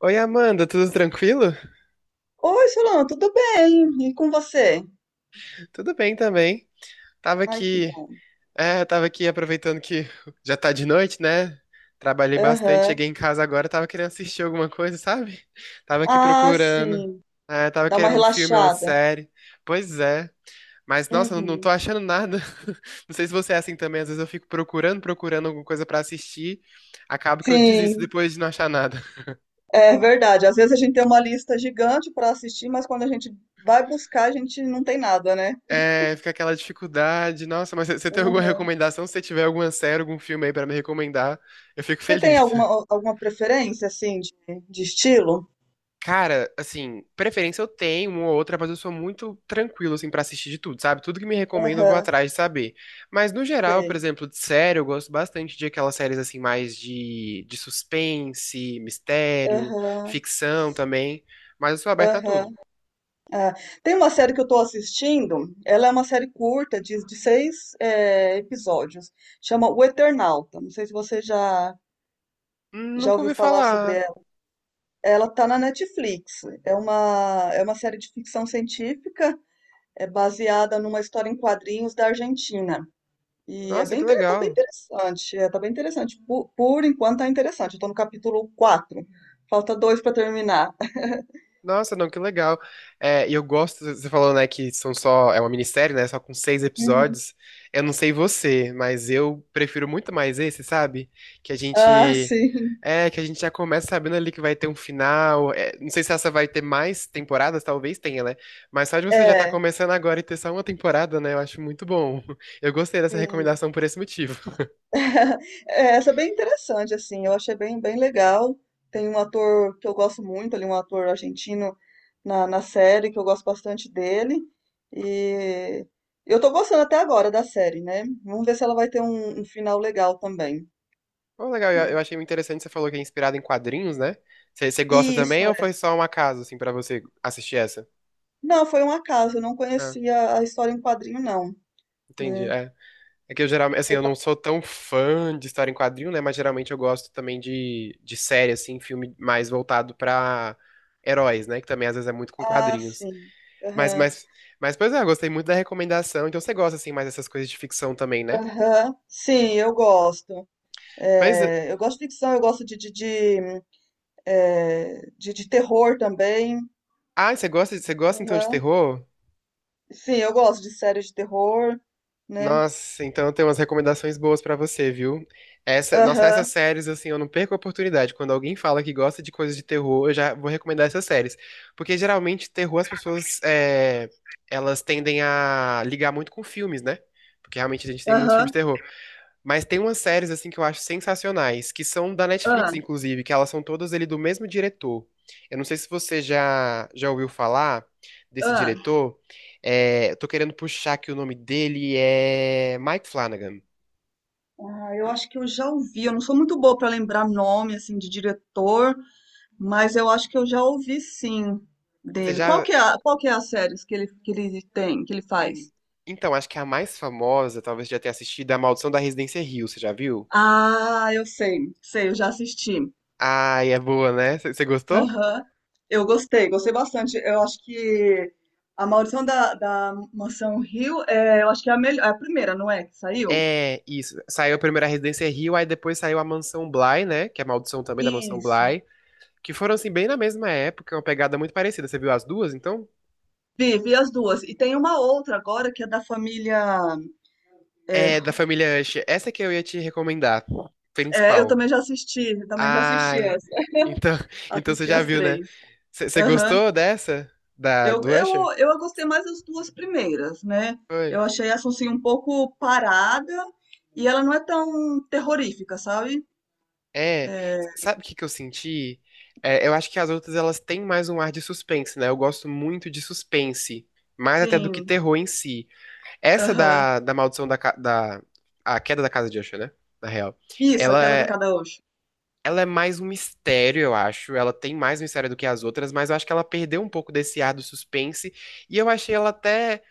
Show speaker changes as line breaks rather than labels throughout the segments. Oi, Amanda, tudo tranquilo?
Oi, Solano, tudo bem? E com você?
Tudo bem também. Tava
Ai, que
aqui,
bom.
tava aqui aproveitando que já tá de noite, né? Trabalhei bastante,
Aham.
cheguei em casa agora, tava querendo assistir alguma coisa, sabe? Tava aqui
Ah,
procurando.
sim.
É, tava
Dá uma
querendo um filme ou uma
relaxada.
série. Pois é. Mas, nossa, não tô
Uhum.
achando nada. Não sei se você é assim também, às vezes eu fico procurando, procurando alguma coisa pra assistir, acabo que eu desisto
Sim,
depois de não achar nada.
é verdade. Às vezes a gente tem uma lista gigante para assistir, mas quando a gente vai buscar, a gente não tem nada, né?
É, fica aquela dificuldade. Nossa, mas você tem alguma
Uhum.
recomendação? Se você tiver alguma série, algum filme aí pra me recomendar, eu fico
Você tem
feliz.
alguma, alguma preferência, assim, de estilo?
Cara, assim, preferência eu tenho uma ou outra, mas eu sou muito tranquilo, assim, pra assistir de tudo, sabe? Tudo que me recomendo eu vou
Aham,
atrás de saber. Mas no geral, por
tem.
exemplo, de série, eu gosto bastante de aquelas séries, assim, mais de suspense, mistério,
Aham,
ficção também. Mas eu sou aberto a tudo.
aham. Tem uma série que eu estou assistindo, ela é uma série curta, de seis episódios, chama O Eternauta. Não sei se você já, já
Nunca
ouviu
ouvi
falar sobre
falar.
ela. Ela está na Netflix. É uma série de ficção científica, é baseada numa história em quadrinhos da Argentina. E é
Nossa,
bem,
que
tá bem
legal.
interessante, tá bem interessante. Por enquanto tá interessante. Eu tô no capítulo 4. Falta dois para terminar.
Nossa, não, que legal. É, e eu gosto, você falou, né, que são só, é uma minissérie, né, só com seis
Uhum.
episódios. Eu não sei você, mas eu prefiro muito mais esse, sabe? Que a
Ah,
gente,
sim.
que a gente já começa sabendo ali que vai ter um final. É, não sei se essa vai ter mais temporadas, talvez tenha, né? Mas só de você já estar
É,
começando agora e ter só uma temporada, né, eu acho muito bom. Eu gostei dessa
sim.
recomendação por esse motivo.
É, essa é bem interessante, assim, eu achei bem legal. Tem um ator que eu gosto muito ali, um ator argentino na série, que eu gosto bastante dele. E eu tô gostando até agora da série, né? Vamos ver se ela vai ter um final legal também.
Bom, legal,
Né?
eu achei muito interessante, você falou que é inspirado em quadrinhos, né? Você gosta
Isso,
também ou
é.
foi só um acaso, assim, pra você assistir essa?
Não, foi um acaso, eu não
Ah,
conhecia a história em quadrinho, não,
entendi.
né?
É. É que eu geralmente, assim,
Sei
eu
que-
não sou tão fã de história em quadrinho, né? Mas geralmente eu gosto também de série, assim, filme mais voltado pra heróis, né? Que também às vezes é muito com
Ah,
quadrinhos.
sim.
Mas,
Aham.
mas, mas, pois é, eu gostei muito da recomendação. Então você gosta, assim, mais dessas coisas de ficção também, né?
Aham. Sim, eu gosto.
Pois é.
É, eu gosto de ficção, eu gosto de de terror também.
Ah, você gosta então de
Aham.
terror?
Sim, eu gosto de séries de terror, né?
Nossa, então tem umas recomendações boas pra você, viu? Essa, nossa, essas
Aham,
séries, assim, eu não perco a oportunidade. Quando alguém fala que gosta de coisas de terror, eu já vou recomendar essas séries. Porque geralmente, terror, as pessoas, elas tendem a ligar muito com filmes, né? Porque realmente a gente tem muitos filmes de
aham,
terror. Mas tem umas séries assim que eu acho sensacionais, que são da
ah,
Netflix, inclusive, que elas são todas ele do mesmo diretor. Eu não sei se você já ouviu falar desse
ah.
diretor. É, eu tô querendo puxar que o nome dele é Mike Flanagan.
Ah, eu acho que eu já ouvi. Eu não sou muito boa para lembrar nome assim de diretor, mas eu acho que eu já ouvi sim
Você
dele. Qual
já
que é a, qual que é as séries que ele tem, que ele
hum,
faz?
então, acho que é a mais famosa, talvez você já tenha assistido, é A Maldição da Residência Hill, você já viu?
Ah, eu sei, sei, eu já assisti.
Ai, é boa, né? Você gostou?
Aham. Eu gostei, gostei bastante. Eu acho que a Maldição da Mansão Hill, eu acho que é a melhor, é a primeira, não é? Que saiu?
É, isso. Saiu a primeira Residência Hill, aí depois saiu a Mansão Bly, né? Que é a maldição também da Mansão
Isso.
Bly. Que foram assim bem na mesma época, uma pegada muito parecida. Você viu as duas, então?
Vi, vi as duas. E tem uma outra agora que é da família. É,
É da família Usher. Essa que eu ia te recomendar,
é, eu
principal.
também já
Ah,
assisti essa.
então, então você
Assisti
já
as
viu, né?
três.
Você
Aham.
gostou dessa da
Eu,
do
eu,
Usher?
eu gostei mais das duas primeiras, né?
Foi.
Eu achei essa assim um pouco parada e ela não é tão terrorífica, sabe?
É,
É,
sabe o que que eu senti? É, eu acho que as outras elas têm mais um ar de suspense, né? Eu gosto muito de suspense, mais até do que
sim.
terror em si. Essa
Aham.
da maldição da a queda da casa de Usher, né? Na real.
Isso, A
Ela,
Queda da
é,
Kadaoshi.
Ela é mais um mistério, eu acho. Ela tem mais mistério do que as outras, mas eu acho que ela perdeu um pouco desse ar do suspense. E eu achei ela até.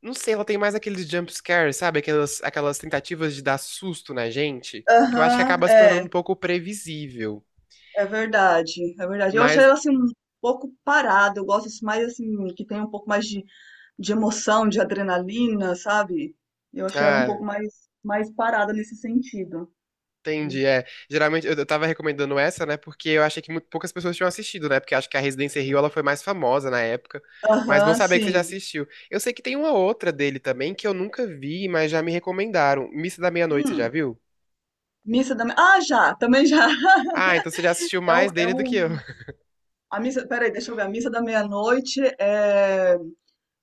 Não sei, ela tem mais aqueles jump scares, sabe? Aquelas tentativas de dar susto na gente, que eu acho que
Aham,
acaba se tornando um pouco previsível.
é verdade, é verdade. Eu achei
Mas.
ela assim um pouco parada, eu gosto assim, mais assim, que tem um pouco mais de emoção, de adrenalina, sabe? Eu achei ela um
Ah,
pouco mais, mais parada nesse sentido.
entendi, é. Geralmente eu tava recomendando essa, né? Porque eu achei que poucas pessoas tinham assistido, né? Porque acho que a Residência Rio ela foi mais famosa na época. Mas bom
Aham,
saber que você já
sim.
assistiu. Eu sei que tem uma outra dele também que eu nunca vi, mas já me recomendaram. Missa da Meia-Noite, você já
Hum,
viu?
Ah, já, também já.
Ah, então você já assistiu
É um,
mais
é
dele do que eu.
um... A missa, peraí, deixa eu ver. A missa da meia-noite é.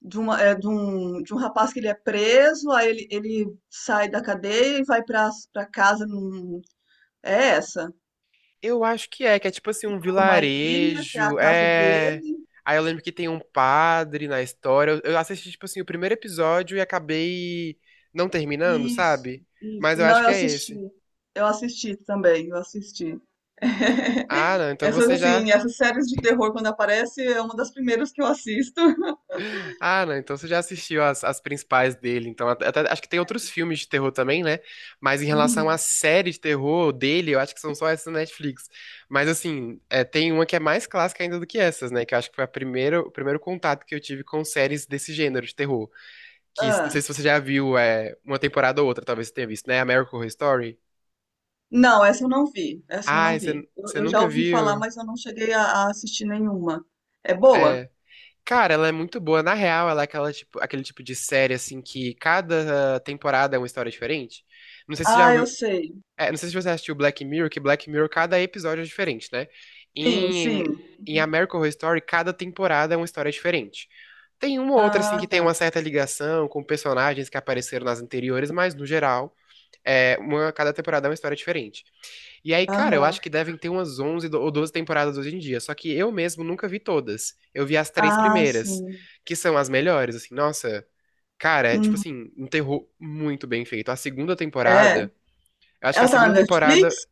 de, uma, é, de, um, de um rapaz que ele é preso, aí ele sai da cadeia e vai para casa é essa,
Eu acho que é tipo assim, um
uma ilha que é a
vilarejo.
casa
É.
dele.
Aí eu lembro que tem um padre na história. Eu assisti, tipo assim, o primeiro episódio e acabei não terminando,
Isso,
sabe? Mas
isso.
eu
Não,
acho
eu
que é
assisti.
esse.
Eu assisti também, eu assisti.
Ah, não, então você já.
Essas séries de terror quando aparece é uma das primeiras que eu assisto.
Ah, não, então você já assistiu as, as principais dele. Então, acho que tem outros filmes de terror também, né? Mas em relação à
Uhum.
série de terror dele, eu acho que são só essas na Netflix. Mas assim, é, tem uma que é mais clássica ainda do que essas, né? Que eu acho que foi a primeira, o primeiro contato que eu tive com séries desse gênero de terror. Que não sei
Ah,
se você já viu é, uma temporada ou outra, talvez você tenha visto, né? American Horror Story.
não, essa eu não vi. Essa eu
Ah,
não vi. Eu,
você
eu já
nunca
ouvi falar,
viu?
mas eu não cheguei a assistir nenhuma. É boa?
É. Cara, ela é muito boa. Na real, ela é aquela tipo, aquele tipo de série, assim, que cada temporada é uma história diferente. Não sei se você já
Ah, eu
ouviu,
sei.
é, não sei se você assistiu Black Mirror, que Black Mirror, cada episódio é diferente, né?
Sim,
Em,
sim.
em American Horror Story, cada temporada é uma história diferente. Tem uma ou outra, assim, que
Ah,
tem
tá.
uma certa ligação com personagens que apareceram nas anteriores, mas, no geral, é uma, cada temporada é uma história diferente. E aí, cara, eu
Aham.
acho que devem ter umas 11 ou 12 temporadas hoje em dia. Só que eu mesmo nunca vi todas. Eu vi as três
Ah,
primeiras,
sim.
que são as melhores, assim. Nossa, cara, é, tipo
Uhum.
assim, um terror muito bem feito. A segunda
É.
temporada, eu acho que a
Ela tá
segunda
na
temporada,
Netflix?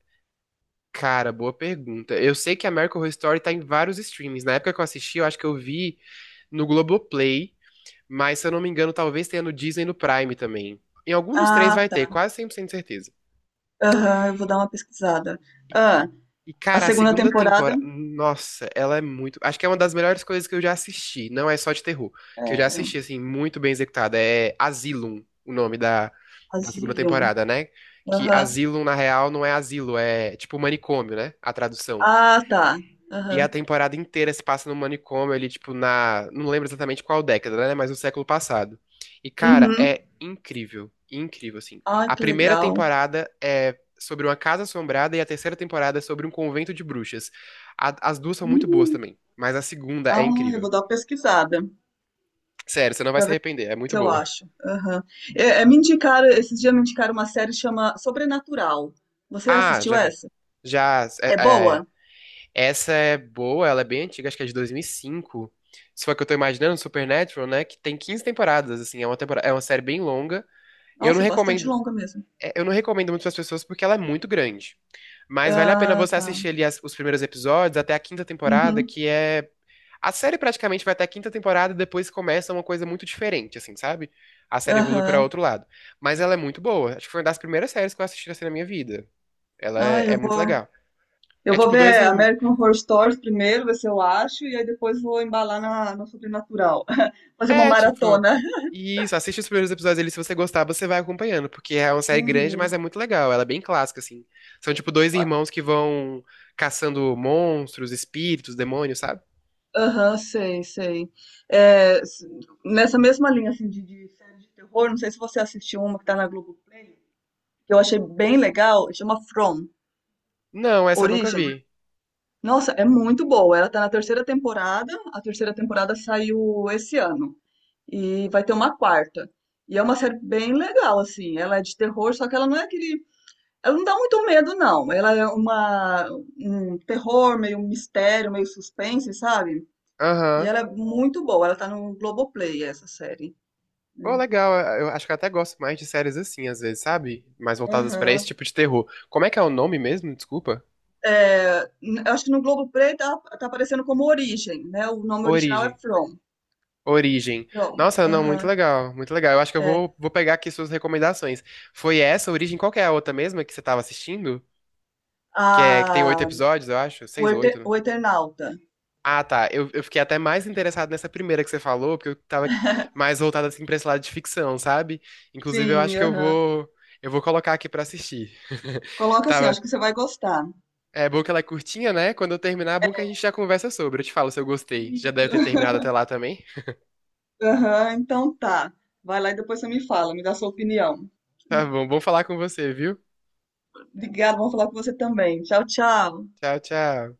cara, boa pergunta. Eu sei que a American Horror Story tá em vários streams. Na época que eu assisti, eu acho que eu vi no Globoplay, mas se eu não me engano, talvez tenha no Disney e no Prime também. Em algum dos três
Ah,
vai
tá.
ter, quase cem por cento de certeza.
Aham, eu vou dar uma pesquisada. Ah,
E,
a
cara, a
segunda
segunda
temporada
temporada, nossa, ela é muito. Acho que é uma das melhores coisas que eu já assisti. Não é só de terror, que eu já
era
assisti, assim, muito bem executada. É Asylum, o nome da segunda
Asylum.
temporada, né? Que
Aham.
Asylum, na real, não é asilo, é tipo manicômio, né? A tradução.
Ah, tá.
E
Aham.
a temporada inteira se passa no manicômio ali, tipo, na. Não lembro exatamente qual década, né? Mas no século passado. E, cara,
Uhum.
é incrível. Incrível, assim.
Ah,
A
que
primeira
legal.
temporada é sobre uma casa assombrada e a terceira temporada é sobre um convento de bruxas. As duas são muito boas
Hum.
também. Mas a segunda é
Ah, eu
incrível.
vou dar uma pesquisada
Sério, você não vai
pra
se
ver
arrepender. É
se
muito
eu
boa.
acho. Aham. Me indicaram, esses dias me indicaram uma série que chama Sobrenatural. Você
Ah,
assistiu
já vi.
essa?
Já.
É
É,
boa?
Essa é boa, ela é bem antiga, acho que é de 2005. Se for a que eu tô imaginando, Supernatural, né? Que tem 15 temporadas, assim, é uma temporada, é uma série bem longa. Eu não
Nossa, é bastante
recomendo,
longa mesmo.
é, eu não recomendo muito pras pessoas porque ela é muito grande. Mas vale a pena
Ah,
você
tá.
assistir ali os primeiros episódios até a quinta temporada,
Uhum.
que é a série praticamente vai até a quinta temporada e depois começa uma coisa muito diferente, assim, sabe? A série evolui para
Aham.
outro lado. Mas ela é muito boa. Acho que foi uma das primeiras séries que eu assisti assim na minha vida.
Ah, eu
É muito
vou,
legal.
eu
É
vou
tipo dois
ver
irmãos.
American Horror Stories primeiro, ver se eu acho, e aí depois vou embalar no Sobrenatural. Fazer uma
É, tipo.
maratona.
Isso, assiste os primeiros episódios ali, se você gostar, você vai acompanhando, porque é uma série grande, mas
Uhum.
é muito legal, ela é bem clássica, assim. São, tipo, dois
Ó,
irmãos que vão caçando monstros, espíritos, demônios, sabe?
aham, sei, sei. É, nessa mesma linha assim, de série de terror, não sei se você assistiu uma que tá na Globoplay, que eu achei bem legal, chama From,
Não, essa eu nunca
Origem.
vi.
Nossa, é muito boa. Ela tá na terceira temporada. A terceira temporada saiu esse ano. E vai ter uma quarta. E é uma série bem legal, assim. Ela é de terror, só que ela não é aquele. Ela não dá muito medo, não. Um terror, meio um mistério, meio suspense, sabe? E
Aham.
ela é muito boa. Ela tá no Globoplay, essa série.
Pô,
Hum.
legal, eu acho que eu até gosto mais de séries assim, às vezes, sabe? Mais voltadas pra esse
Aham.
tipo de terror. Como é que é o nome mesmo? Desculpa.
É, eu acho que no Globoplay tá aparecendo como Origem, né? O nome original é
Origem.
From.
Origem.
From.
Nossa, não, muito
Aham.
legal, muito legal. Eu acho que
É.
vou pegar aqui suas recomendações. Foi essa, Origem? Qual que é a outra mesma que você tava assistindo?
A,
Que, é, que tem 8 episódios, eu acho. Seis ou oito, né?
O Eternauta.
Ah, tá. Eu fiquei até mais interessado nessa primeira que você falou, porque eu tava mais voltado assim pra esse lado de ficção, sabe? Inclusive, eu
Sim,
acho que eu
aham.
vou. Eu vou colocar aqui pra assistir.
Coloca assim,
Tava.
acho que você vai gostar.
É bom que ela é curtinha, né? Quando eu terminar, é bom que a gente já conversa sobre. Eu te falo se eu gostei. Já deve
Isso.
ter terminado até lá também.
Aham, então tá. Vai lá e depois você me fala, me dá sua opinião.
Tá bom, bom falar com você, viu?
Obrigada, vamos falar com você também. Tchau, tchau.
Tchau, tchau.